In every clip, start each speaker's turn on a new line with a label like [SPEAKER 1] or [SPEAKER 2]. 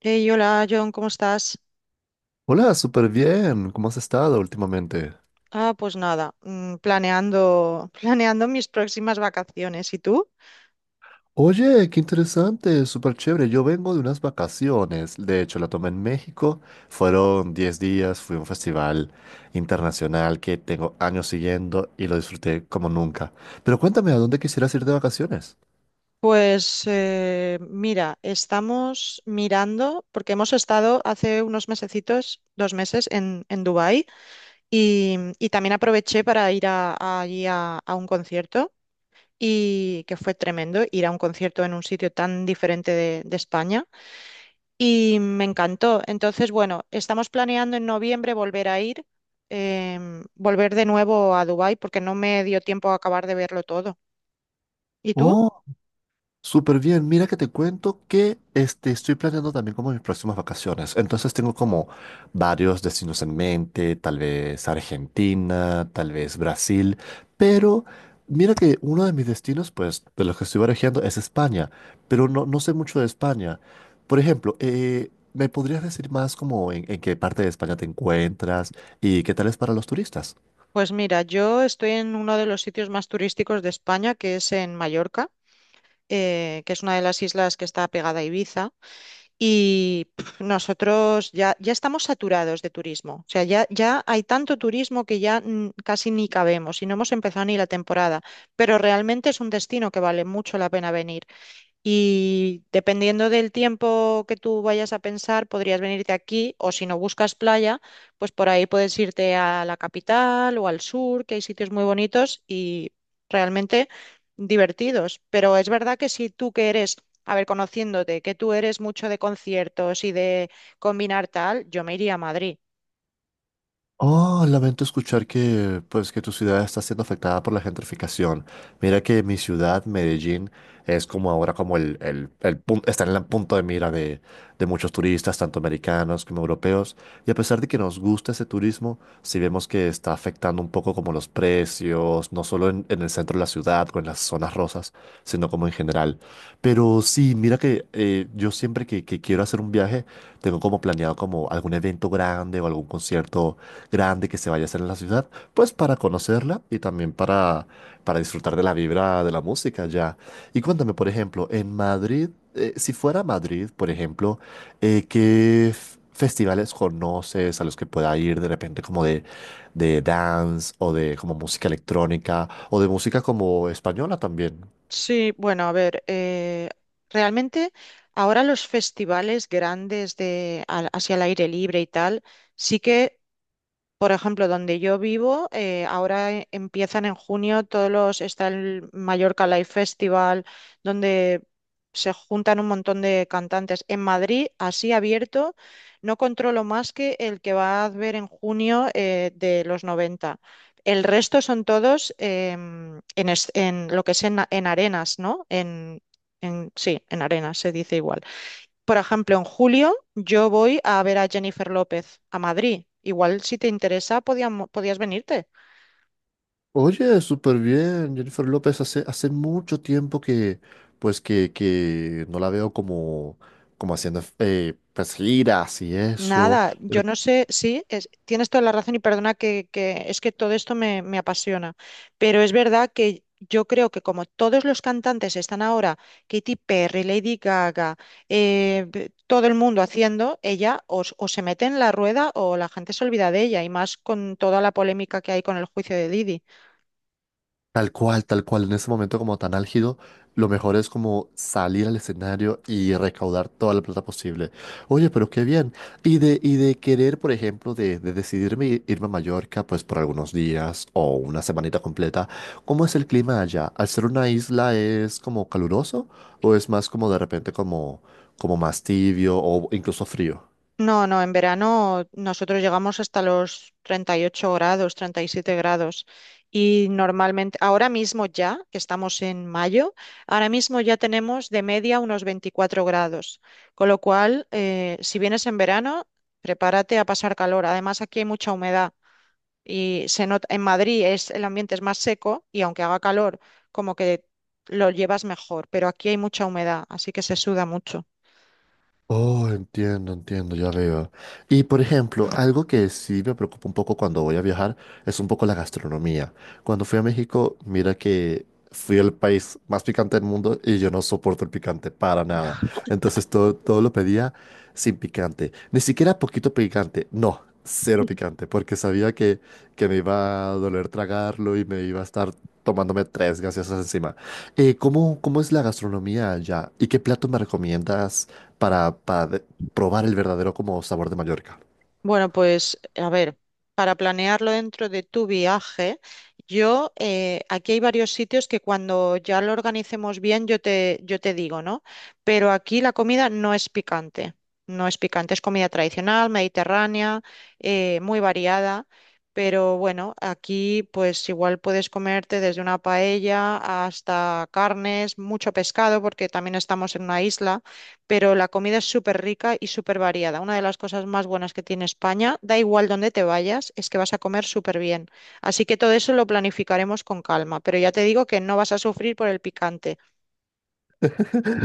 [SPEAKER 1] Hey, hola John, ¿cómo estás?
[SPEAKER 2] Hola, súper bien. ¿Cómo has estado últimamente?
[SPEAKER 1] Ah, pues nada, planeando, planeando mis próximas vacaciones. ¿Y tú?
[SPEAKER 2] Oye, qué interesante, súper chévere. Yo vengo de unas vacaciones. De hecho, la tomé en México. Fueron 10 días, fui a un festival internacional que tengo años siguiendo y lo disfruté como nunca. Pero cuéntame, ¿a dónde quisieras ir de vacaciones?
[SPEAKER 1] Pues mira, estamos mirando, porque hemos estado hace unos mesecitos, 2 meses en Dubái, y también aproveché para ir a allí a un concierto, y que fue tremendo ir a un concierto en un sitio tan diferente de España. Y me encantó. Entonces, bueno, estamos planeando en noviembre volver a ir, volver de nuevo a Dubái porque no me dio tiempo a acabar de verlo todo. ¿Y tú?
[SPEAKER 2] Súper bien, mira que te cuento que estoy planeando también como mis próximas vacaciones. Entonces tengo como varios destinos en mente, tal vez Argentina, tal vez Brasil, pero mira que uno de mis destinos, pues de los que estoy barajando es España, pero no, no sé mucho de España. Por ejemplo, ¿me podrías decir más como en qué parte de España te encuentras y qué tal es para los turistas?
[SPEAKER 1] Pues mira, yo estoy en uno de los sitios más turísticos de España, que es en Mallorca, que es una de las islas que está pegada a Ibiza. Y pf, nosotros ya, ya estamos saturados de turismo. O sea, ya, ya hay tanto turismo que ya casi ni cabemos y no hemos empezado ni la temporada. Pero realmente es un destino que vale mucho la pena venir. Y dependiendo del tiempo que tú vayas a pensar, podrías venirte aquí o si no buscas playa, pues por ahí puedes irte a la capital o al sur, que hay sitios muy bonitos y realmente divertidos. Pero es verdad que si tú que eres, a ver, conociéndote, que tú eres mucho de conciertos y de combinar tal, yo me iría a Madrid.
[SPEAKER 2] Oh, lamento escuchar que, pues, que tu ciudad está siendo afectada por la gentrificación. Mira que mi ciudad, Medellín, es como ahora como está en el punto de mira de muchos turistas, tanto americanos como europeos. Y a pesar de que nos gusta ese turismo, sí vemos que está afectando un poco como los precios, no solo en el centro de la ciudad o en las zonas rosas, sino como en general. Pero sí, mira que yo siempre que quiero hacer un viaje, tengo como planeado como algún evento grande o algún concierto grande que se vaya a hacer en la ciudad, pues para conocerla y también para disfrutar de la vibra de la música ya. Y cuéntame, por ejemplo, en Madrid, si fuera Madrid, por ejemplo, ¿qué festivales conoces a los que pueda ir de repente como de dance o de como música electrónica o de música como española también?
[SPEAKER 1] Sí, bueno, a ver, realmente ahora los festivales grandes de hacia el aire libre y tal, sí que. Por ejemplo, donde yo vivo, ahora empiezan en junio todos los, está el Mallorca Live Festival, donde se juntan un montón de cantantes. En Madrid, así abierto, no controlo más que el que va a ver en junio de los 90. El resto son todos en, en lo que es en arenas, ¿no? En, sí, en arenas se dice igual. Por ejemplo, en julio yo voy a ver a Jennifer López a Madrid. Igual si te interesa, podías venirte.
[SPEAKER 2] Oye, súper bien, Jennifer López. Hace mucho tiempo que, pues, que no la veo como haciendo pues, giras y eso.
[SPEAKER 1] Nada, yo no sé, sí, tienes toda la razón y perdona que es que todo esto me, me apasiona, pero es verdad que yo creo que como todos los cantantes están ahora, Katy Perry, Lady Gaga, todo el mundo haciendo, ella o se mete en la rueda o la gente se olvida de ella y más con toda la polémica que hay con el juicio de Didi.
[SPEAKER 2] Tal cual, en ese momento como tan álgido, lo mejor es como salir al escenario y recaudar toda la plata posible. Oye, pero qué bien. Y de querer, por ejemplo, de decidirme irme a Mallorca, pues por algunos días o una semanita completa, ¿cómo es el clima allá? ¿Al ser una isla es como caluroso o es más como de repente como más tibio o incluso frío?
[SPEAKER 1] No, no, en verano nosotros llegamos hasta los 38 grados, 37 grados. Y normalmente, ahora mismo ya, que estamos en mayo, ahora mismo ya tenemos de media unos 24 grados. Con lo cual, si vienes en verano, prepárate a pasar calor. Además, aquí hay mucha humedad y se nota, en Madrid es, el ambiente es más seco y aunque haga calor, como que lo llevas mejor, pero aquí hay mucha humedad, así que se suda mucho.
[SPEAKER 2] Oh, entiendo, entiendo, ya veo. Y por ejemplo, algo que sí me preocupa un poco cuando voy a viajar es un poco la gastronomía. Cuando fui a México, mira que fui el país más picante del mundo y yo no soporto el picante para nada. Entonces todo lo pedía sin picante. Ni siquiera poquito picante, no, cero picante, porque sabía que me iba a doler tragarlo y me iba a estar tomándome tres gaseosas encima. ¿Cómo es la gastronomía allá? ¿Y qué plato me recomiendas probar el verdadero como sabor de Mallorca?
[SPEAKER 1] Bueno, pues a ver, para planearlo dentro de tu viaje, yo aquí hay varios sitios que cuando ya lo organicemos bien yo te digo, ¿no? Pero aquí la comida no es picante, no es picante, es comida tradicional, mediterránea, muy variada, pero bueno, aquí pues igual puedes comerte desde una paella hasta carnes, mucho pescado, porque también estamos en una isla, pero la comida es súper rica y súper variada. Una de las cosas más buenas que tiene España, da igual dónde te vayas, es que vas a comer súper bien. Así que todo eso lo planificaremos con calma, pero ya te digo que no vas a sufrir por el picante.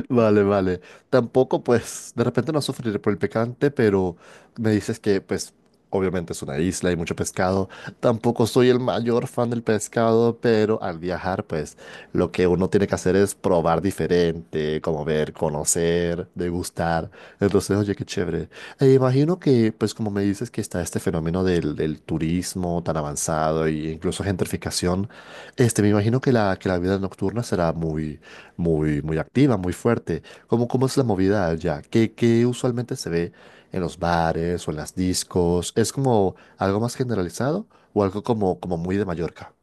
[SPEAKER 2] Vale, vale. Tampoco, pues, de repente no sufriré por el picante, pero me dices que, pues, obviamente es una isla y mucho pescado. Tampoco soy el mayor fan del pescado, pero al viajar, pues, lo que uno tiene que hacer es probar diferente, como ver, conocer, degustar. Entonces, oye, qué chévere. E imagino que, pues, como me dices que está este fenómeno del turismo tan avanzado e incluso gentrificación, este, me imagino que que la vida nocturna será muy, muy activa, muy fuerte. ¿Cómo, cómo es la movida allá? ¿Qué, qué usualmente se ve en los bares o en las discos? ¿Es como algo más generalizado o algo como, como muy de Mallorca?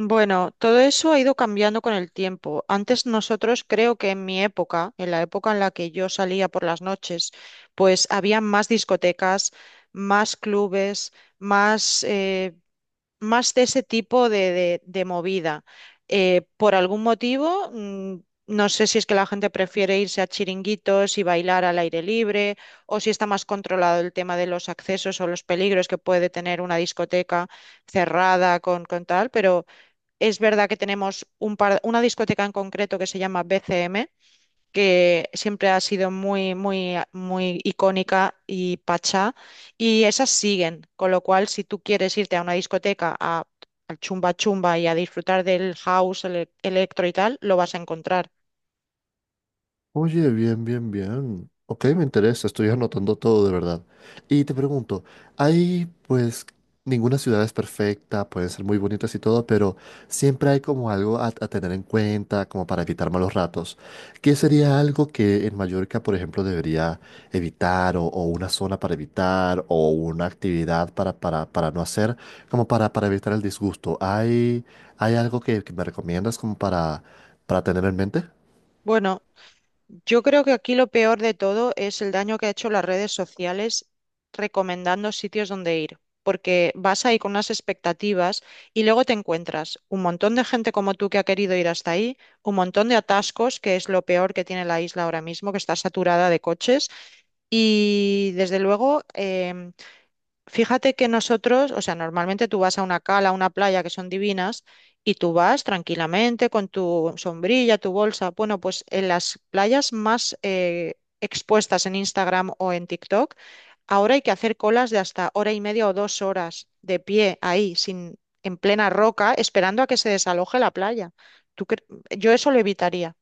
[SPEAKER 1] Bueno, todo eso ha ido cambiando con el tiempo. Antes nosotros creo que en mi época en la que yo salía por las noches, pues había más discotecas, más clubes, más... más de ese tipo de, de movida. Por algún motivo, no sé si es que la gente prefiere irse a chiringuitos y bailar al aire libre, o si está más controlado el tema de los accesos o los peligros que puede tener una discoteca cerrada con tal, pero es verdad que tenemos una discoteca en concreto que se llama BCM, que siempre ha sido muy, muy, muy icónica y pachá, y esas siguen, con lo cual si tú quieres irte a una discoteca a, al chumba chumba y a disfrutar del house, el electro y tal, lo vas a encontrar.
[SPEAKER 2] Oye, bien, bien, bien. Ok, me interesa, estoy anotando todo de verdad. Y te pregunto, hay pues ninguna ciudad es perfecta, pueden ser muy bonitas y todo, pero siempre hay como algo a tener en cuenta, como para evitar malos ratos. ¿Qué sería algo que en Mallorca, por ejemplo, debería evitar o una zona para evitar o una actividad para no hacer, como para evitar el disgusto? ¿Hay, hay algo que me recomiendas como para tener en mente?
[SPEAKER 1] Bueno, yo creo que aquí lo peor de todo es el daño que ha hecho las redes sociales recomendando sitios donde ir, porque vas ahí con unas expectativas y luego te encuentras un montón de gente como tú que ha querido ir hasta ahí, un montón de atascos, que es lo peor que tiene la isla ahora mismo, que está saturada de coches, y desde luego fíjate que nosotros, o sea, normalmente tú vas a una cala, a una playa que son divinas y tú vas tranquilamente con tu sombrilla, tu bolsa. Bueno, pues en las playas más expuestas en Instagram o en TikTok, ahora hay que hacer colas de hasta hora y media o 2 horas de pie ahí, sin, en plena roca, esperando a que se desaloje la playa. ¿Tú cre- Yo eso lo evitaría.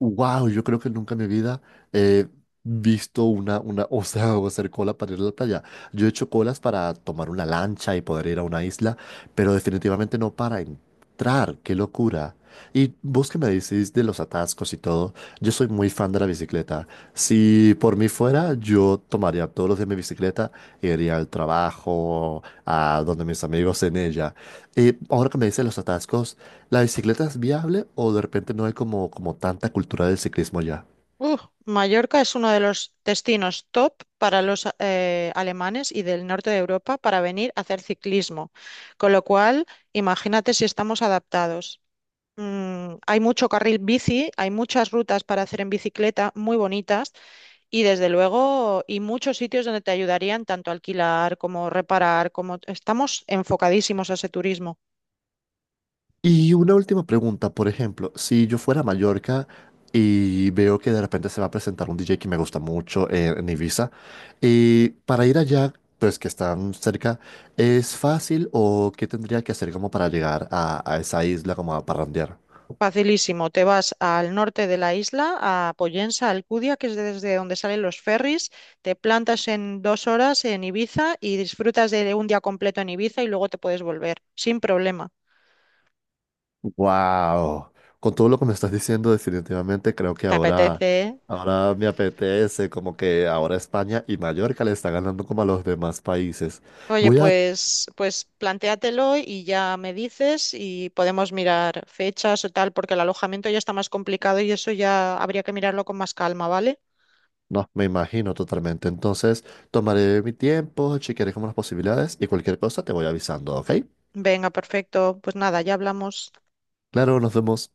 [SPEAKER 2] Wow, yo creo que nunca en mi vida he visto una, o sea, o hacer cola para ir a la playa. Yo he hecho colas para tomar una lancha y poder ir a una isla, pero definitivamente no para entrar. ¡Qué locura! Y vos que me decís de los atascos y todo, yo soy muy fan de la bicicleta. Si por mí fuera, yo tomaría todos los días mi bicicleta, iría al trabajo, a donde mis amigos en ella. Y ahora que me dices los atascos, ¿la bicicleta es viable o de repente no hay como, como tanta cultura del ciclismo ya?
[SPEAKER 1] Uh, Mallorca es uno de los destinos top para los alemanes y del norte de Europa para venir a hacer ciclismo. Con lo cual, imagínate si estamos adaptados. Hay mucho carril bici, hay muchas rutas para hacer en bicicleta muy bonitas y desde luego y muchos sitios donde te ayudarían tanto a alquilar como reparar, como estamos enfocadísimos a ese turismo.
[SPEAKER 2] Y una última pregunta, por ejemplo, si yo fuera a Mallorca y veo que de repente se va a presentar un DJ que me gusta mucho en Ibiza, y para ir allá, pues que están cerca, ¿es fácil o qué tendría que hacer como para llegar a esa isla como a parrandear?
[SPEAKER 1] Facilísimo, te vas al norte de la isla, a Poyensa, Alcudia, que es desde donde salen los ferries, te plantas en 2 horas en Ibiza y disfrutas de un día completo en Ibiza y luego te puedes volver, sin problema.
[SPEAKER 2] Wow, con todo lo que me estás diciendo, definitivamente creo que
[SPEAKER 1] ¿Te
[SPEAKER 2] ahora,
[SPEAKER 1] apetece? ¿Eh?
[SPEAKER 2] ahora me apetece, como que ahora España y Mallorca le está ganando como a los demás países.
[SPEAKER 1] Oye,
[SPEAKER 2] Voy a,
[SPEAKER 1] pues, pues plantéatelo y ya me dices y podemos mirar fechas o tal, porque el alojamiento ya está más complicado y eso ya habría que mirarlo con más calma, ¿vale?
[SPEAKER 2] no, me imagino totalmente. Entonces, tomaré mi tiempo, chequearé como las posibilidades y cualquier cosa te voy avisando, ¿ok?
[SPEAKER 1] Venga, perfecto. Pues nada, ya hablamos.
[SPEAKER 2] Claro, nos vemos.